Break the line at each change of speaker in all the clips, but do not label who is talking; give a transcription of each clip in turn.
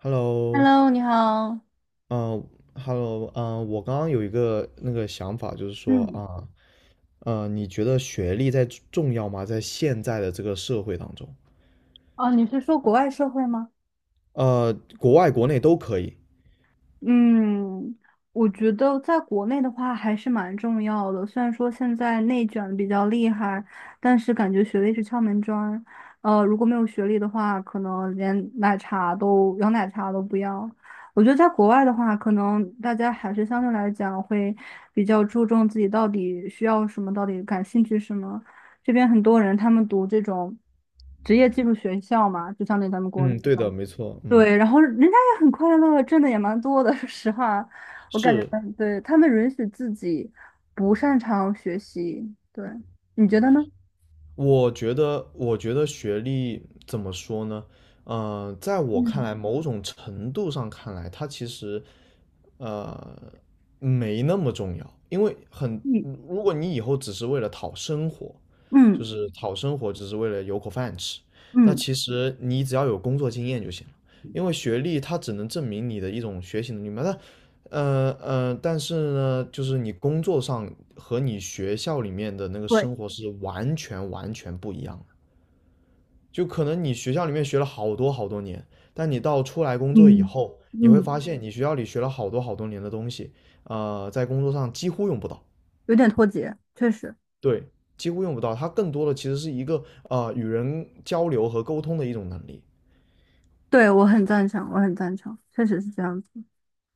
Hello，
Hello，你好。
嗯、hello 我刚刚有一个那个想法，就是说
嗯，
啊，你觉得学历在重要吗？在现在的这个社会当中，
哦，你是说国外社会吗？
呃，国外国内都可以。
嗯，我觉得在国内的话还是蛮重要的。虽然说现在内卷得比较厉害，但是感觉学历是敲门砖。如果没有学历的话，可能连奶茶都摇奶茶都不要。我觉得在国外的话，可能大家还是相对来讲会比较注重自己到底需要什么，到底感兴趣什么。这边很多人他们读这种职业技术学校嘛，就相当于咱们国内。
嗯，对的，没错，嗯，
对，然后人家也很快乐，挣的也蛮多的。说实话，我感
是，
觉对他们允许自己不擅长学习，对，你觉得呢？
我觉得，学历怎么说呢？在我看
嗯，
来，某种程度上看来，它其实呃没那么重要，因为
嗯，
如果你以后只是为了讨生活，就
嗯，
是讨生活，只是为了有口饭吃，那
嗯，
其实你只要有工作经验就行了。因为学历它只能证明你的一种学习能力嘛，那但是呢，就是你工作上和你学校里面的那个
对，
生活是完全完全不一样的。就可能你学校里面学了好多好多年，但你到出来工作以
嗯，
后，你会
嗯，
发现你学校里学了好多好多年的东西，在工作上几乎用不到。
有点脱节，确实，
对，几乎用不到。它更多的其实是一个与人交流和沟通的一种能力。
对，我很赞成，我很赞成，确实是这样子。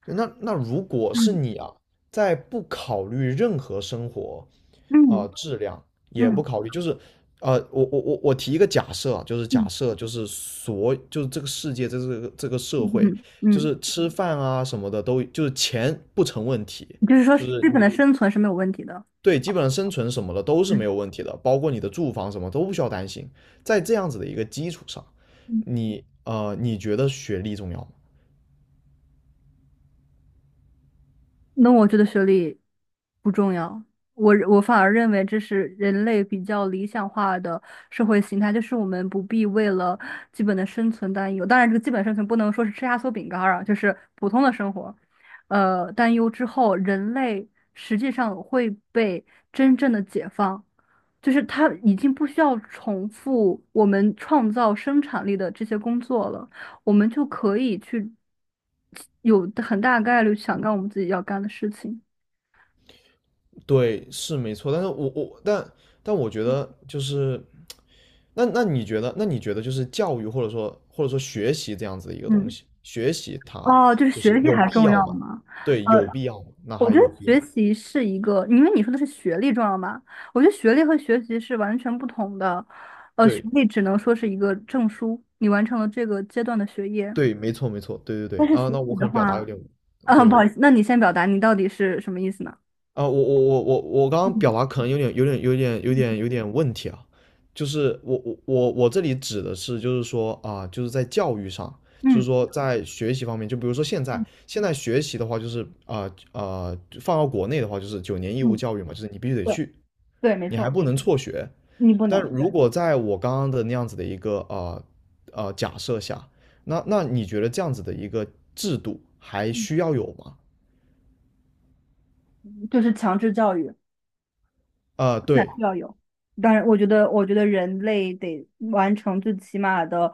对，那如果是
嗯，
你啊，在不考虑任何生活啊，
嗯，
质量，也不
嗯，
考虑，就是我提一个假设啊，就是
嗯，
假设，就是就是这个世界，这个社会，就
嗯，
是吃饭啊什么的都就是钱不成问题。
就是说
就是
日本的
你。
生存是没有问题的。
对，基本上生存什么的都是
嗯，
没有问题的，包括你的住房什么都不需要担心。在这样子的一个基础上，
嗯。
你你觉得学历重要吗？
那我觉得学历不重要，我反而认为这是人类比较理想化的社会形态，就是我们不必为了基本的生存担忧。当然，这个基本生存不能说是吃压缩饼干儿啊，就是普通的生活，担忧之后，人类实际上会被真正的解放。就是它已经不需要重复我们创造生产力的这些工作了，我们就可以去有很大概率想干我们自己要干的事情。
对，是没错，但是我，但我觉
嗯，
得，就是那你觉得，那你觉得就是教育，或者说学习这样子的一个东
嗯
西，学习它
哦，就是
就
学
是
历
有
还
必
重
要
要
吗？
吗？
对，
呃，
有必要吗？那
我
还
觉
有
得
必
学
要？
习是一个，因为你说的是学历重要吗？我觉得学历和学习是完全不同的。学
对
历只能说是一个证书，你完成了这个阶段的学业。
对，没错没错，对对
但
对
是
啊，
学
那我
习
可
的
能表达有
话，
点。
不好
对
意思，那你先表达你到底是什么意思呢？
啊、我刚刚表
嗯。
达可能有点有点有点有点
嗯，
有点问题啊。就是我这里指的是，就是说啊、就是在教育上，就是
嗯，
说在学习方面，就比如说现在
嗯，
现在学习的话，就是放到国内的话，就是九年义务
嗯，
教育嘛，就是你必须得
对
去，
对，没
你还
错，
不能辍学。
你不
但
能
如
对，
果在我刚刚的那样子的一个假设下，那你觉得这样子的一个制度还
嗯
需要有吗？
就是强制教育，
啊、
那
对。
需要有。当然，我觉得人类得完成最起码的，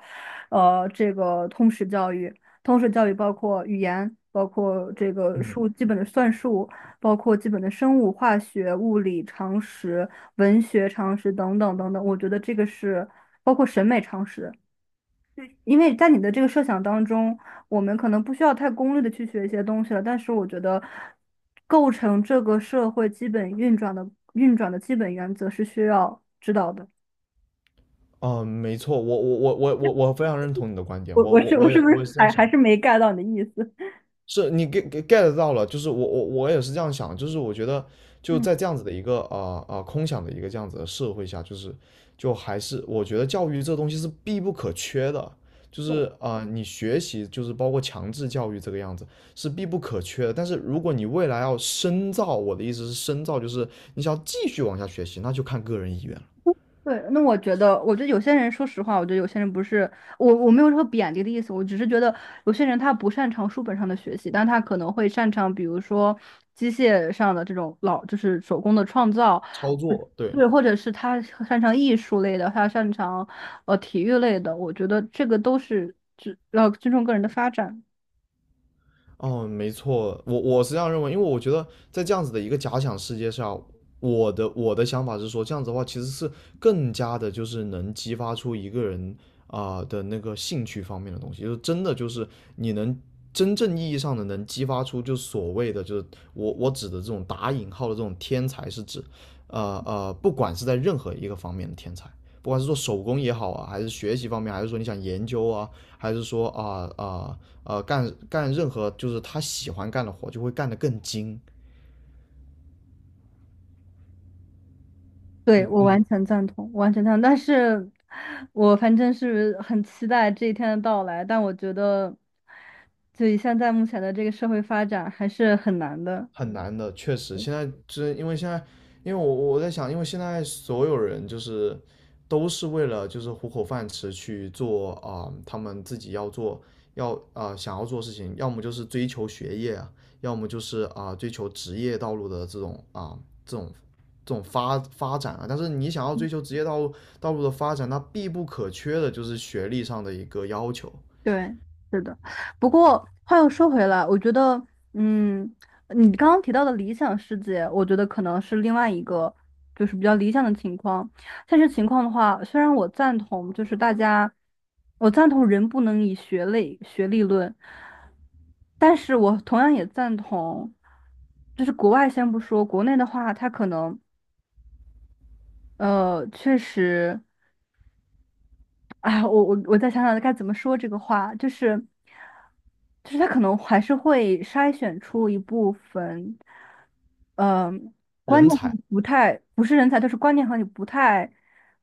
这个通识教育。通识教育包括语言，包括这个
嗯。
数基本的算术，包括基本的生物、化学、物理常识、文学常识等等等等。我觉得这个是包括审美常识。因为在你的这个设想当中，我们可能不需要太功利的去学一些东西了，但是我觉得，构成这个社会基本运转的基本原则是需要知道的。
嗯，没错，我非常认同你的观点，
我
我
我
我
是我
我也
是不
我也是
是
这样
还
想，
还是没 get 到你的意思？
是你 get 到了，就是我也是这样想，就是我觉得，就
嗯，
在这样子的一个空想的一个这样子的社会下，就是就还是我觉得教育这东西是必不可缺的，就
对
是你学习就是包括强制教育这个样子是必不可缺的，但是如果你未来要深造，我的意思是深造就是你想要继续往下学习，那就看个人意愿了。
对，那我觉得，我觉得有些人，说实话，我觉得有些人不是我，我没有说贬低的意思，我只是觉得有些人他不擅长书本上的学习，但他可能会擅长，比如说机械上的这种老，就是手工的创造，
操作，对。
对，或者是他擅长艺术类的，他擅长体育类的，我觉得这个都是尊要尊重个人的发展。
哦，没错，我是这样认为，因为我觉得在这样子的一个假想世界上，我的想法是说，这样子的话其实是更加的，就是能激发出一个人啊、的那个兴趣方面的东西，就是真的，就是你能真正意义上的能激发出，就是所谓的，就是我指的这种打引号的这种天才，是指不管是在任何一个方面的天才。不管是做手工也好啊，还是学习方面，还是说你想研究啊，还是说干任何就是他喜欢干的活，就会干得更精。
对，
嗯嗯，
我完全赞同。但是，我反正是很期待这一天的到来，但我觉得，就以现在目前的这个社会发展，还是很难的。
很难的，确实。现在就是因为现在，因为我在想，因为现在所有人就是都是为了就是糊口饭吃去做啊、他们自己要做想要做的事情，要么就是追求学业啊，要么就是啊、追求职业道路的这种啊、这种这种发展啊。但是你想要追求职业道路的发展，那必不可缺的就是学历上的一个要求。
对，是的。不过话又说回来，我觉得，嗯，你刚刚提到的理想世界，我觉得可能是另外一个，就是比较理想的情况。现实情况的话，虽然我赞同，就是大家，我赞同人不能以学类学历论，但是我同样也赞同，就是国外先不说，国内的话，它可能，确实。哎，我再想想该怎么说这个话，就是，就是他可能还是会筛选出一部分，嗯、观
人
念和你
才，
不太不是人才，就是观念和你不太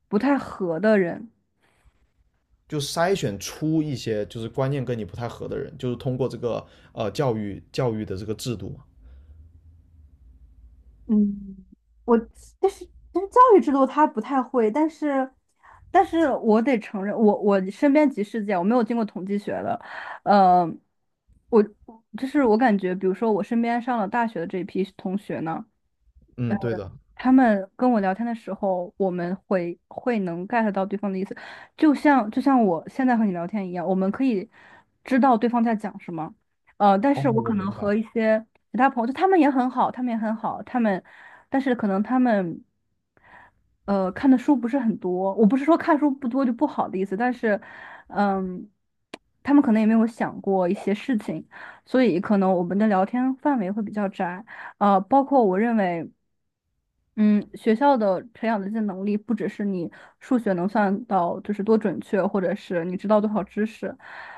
合的人。
就筛选出一些就是观念跟你不太合的人，就是通过这个教育的这个制度嘛。
嗯，我但是教育制度他不太会，但是我得承认，我身边即事件，我没有经过统计学的，呃，我就是我感觉，比如说我身边上了大学的这一批同学呢。
嗯，对的。
他们跟我聊天的时候，我们会能 get 到对方的意思，就像我现在和你聊天一样，我们可以知道对方在讲什么。但
哦，
是我
我
可能
明白。
和一些其他朋友，就他们也很好，他们也很好，他们，但是可能他们看的书不是很多。我不是说看书不多就不好的意思，但是嗯，他们可能也没有想过一些事情，所以可能我们的聊天范围会比较窄。包括我认为。嗯，学校的培养的这些能力，不只是你数学能算到就是多准确，或者是你知道多少知识，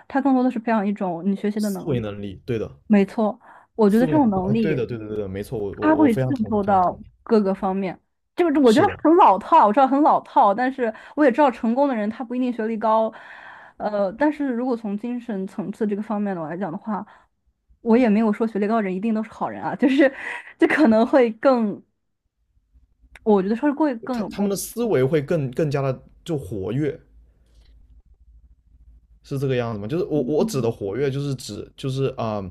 它更多的是培养一种你学习的
思
能
维
力。
能力，对的，
没错，我觉
思
得这
维能
种
力，
能
啊，对
力，
的，对的，对的，没错，我
它
我我
会
非常
渗
同意，
透
非常
到
同意。
各个方面。就是我觉
是
得
的，
很老套，我知道很老套，但是我也知道成功的人他不一定学历高，但是如果从精神层次这个方面的我来讲的话，我也没有说学历高的人一定都是好人啊，就是这可能会更。我觉得是会更
他
有
他
共
们的
鸣。
思维会更加的就活跃，是这个样子吗？就是我指的
嗯，
活跃，就是指，就是啊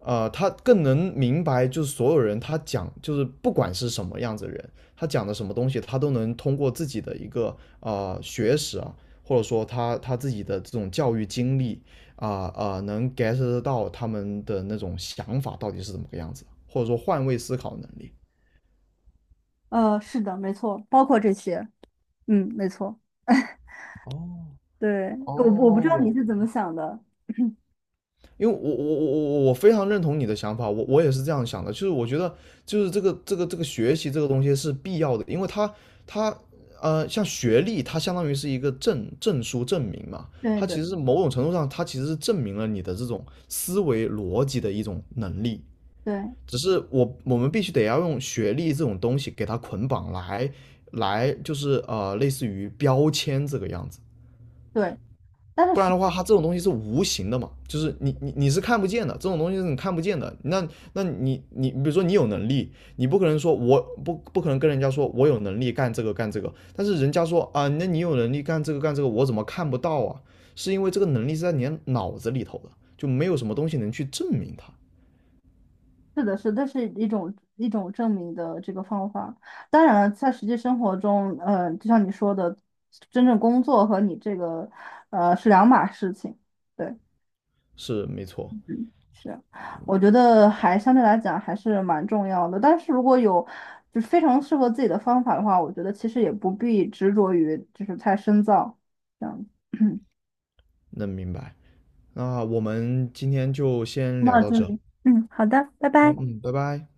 啊、他更能明白，就是所有人他讲，就是不管是什么样子的人，他讲的什么东西，他都能通过自己的一个啊学识啊，或者说他自己的这种教育经历能 get 得到他们的那种想法到底是怎么个样子，或者说换位思考能力。
是的，没错，包括这些，嗯，没错，
哦，
对，我不知道你
哦，
是怎么想的，
因为我非常认同你的想法，我也是这样想的，就是我觉得就是这个学习这个东西是必要的，因为它像学历，它相当于是一个证书证明嘛，
对
它
的，
其实是某种程度上它其实是证明了你的这种思维逻辑的一种能力，
对
只是我们必须得要用学历这种东西给它捆绑，来就是类似于标签这个样子。
对，但
不然
是
的话，它这种东西是无形的嘛，就是你是看不见的，这种东西是你看不见的。那你比如说你有能力，你不可能说我不可能跟人家说我有能力干这个干这个，但是人家说啊，那你有能力干这个干这个，我怎么看不到啊？是因为这个能力是在你的脑子里头的，就没有什么东西能去证明它，
是的是，这是一种证明的这个方法。当然了，在实际生活中，就像你说的，真正工作和你这个是两码事情。对。
是没错，
嗯，是，我觉得还相对来讲还是蛮重要的。但是如果有就是非常适合自己的方法的话，我觉得其实也不必执着于就是太深造这样子。
能明白。那我们今天就先聊
那
到
这
这，
里嗯，好的，拜
好，
拜。
嗯，拜拜。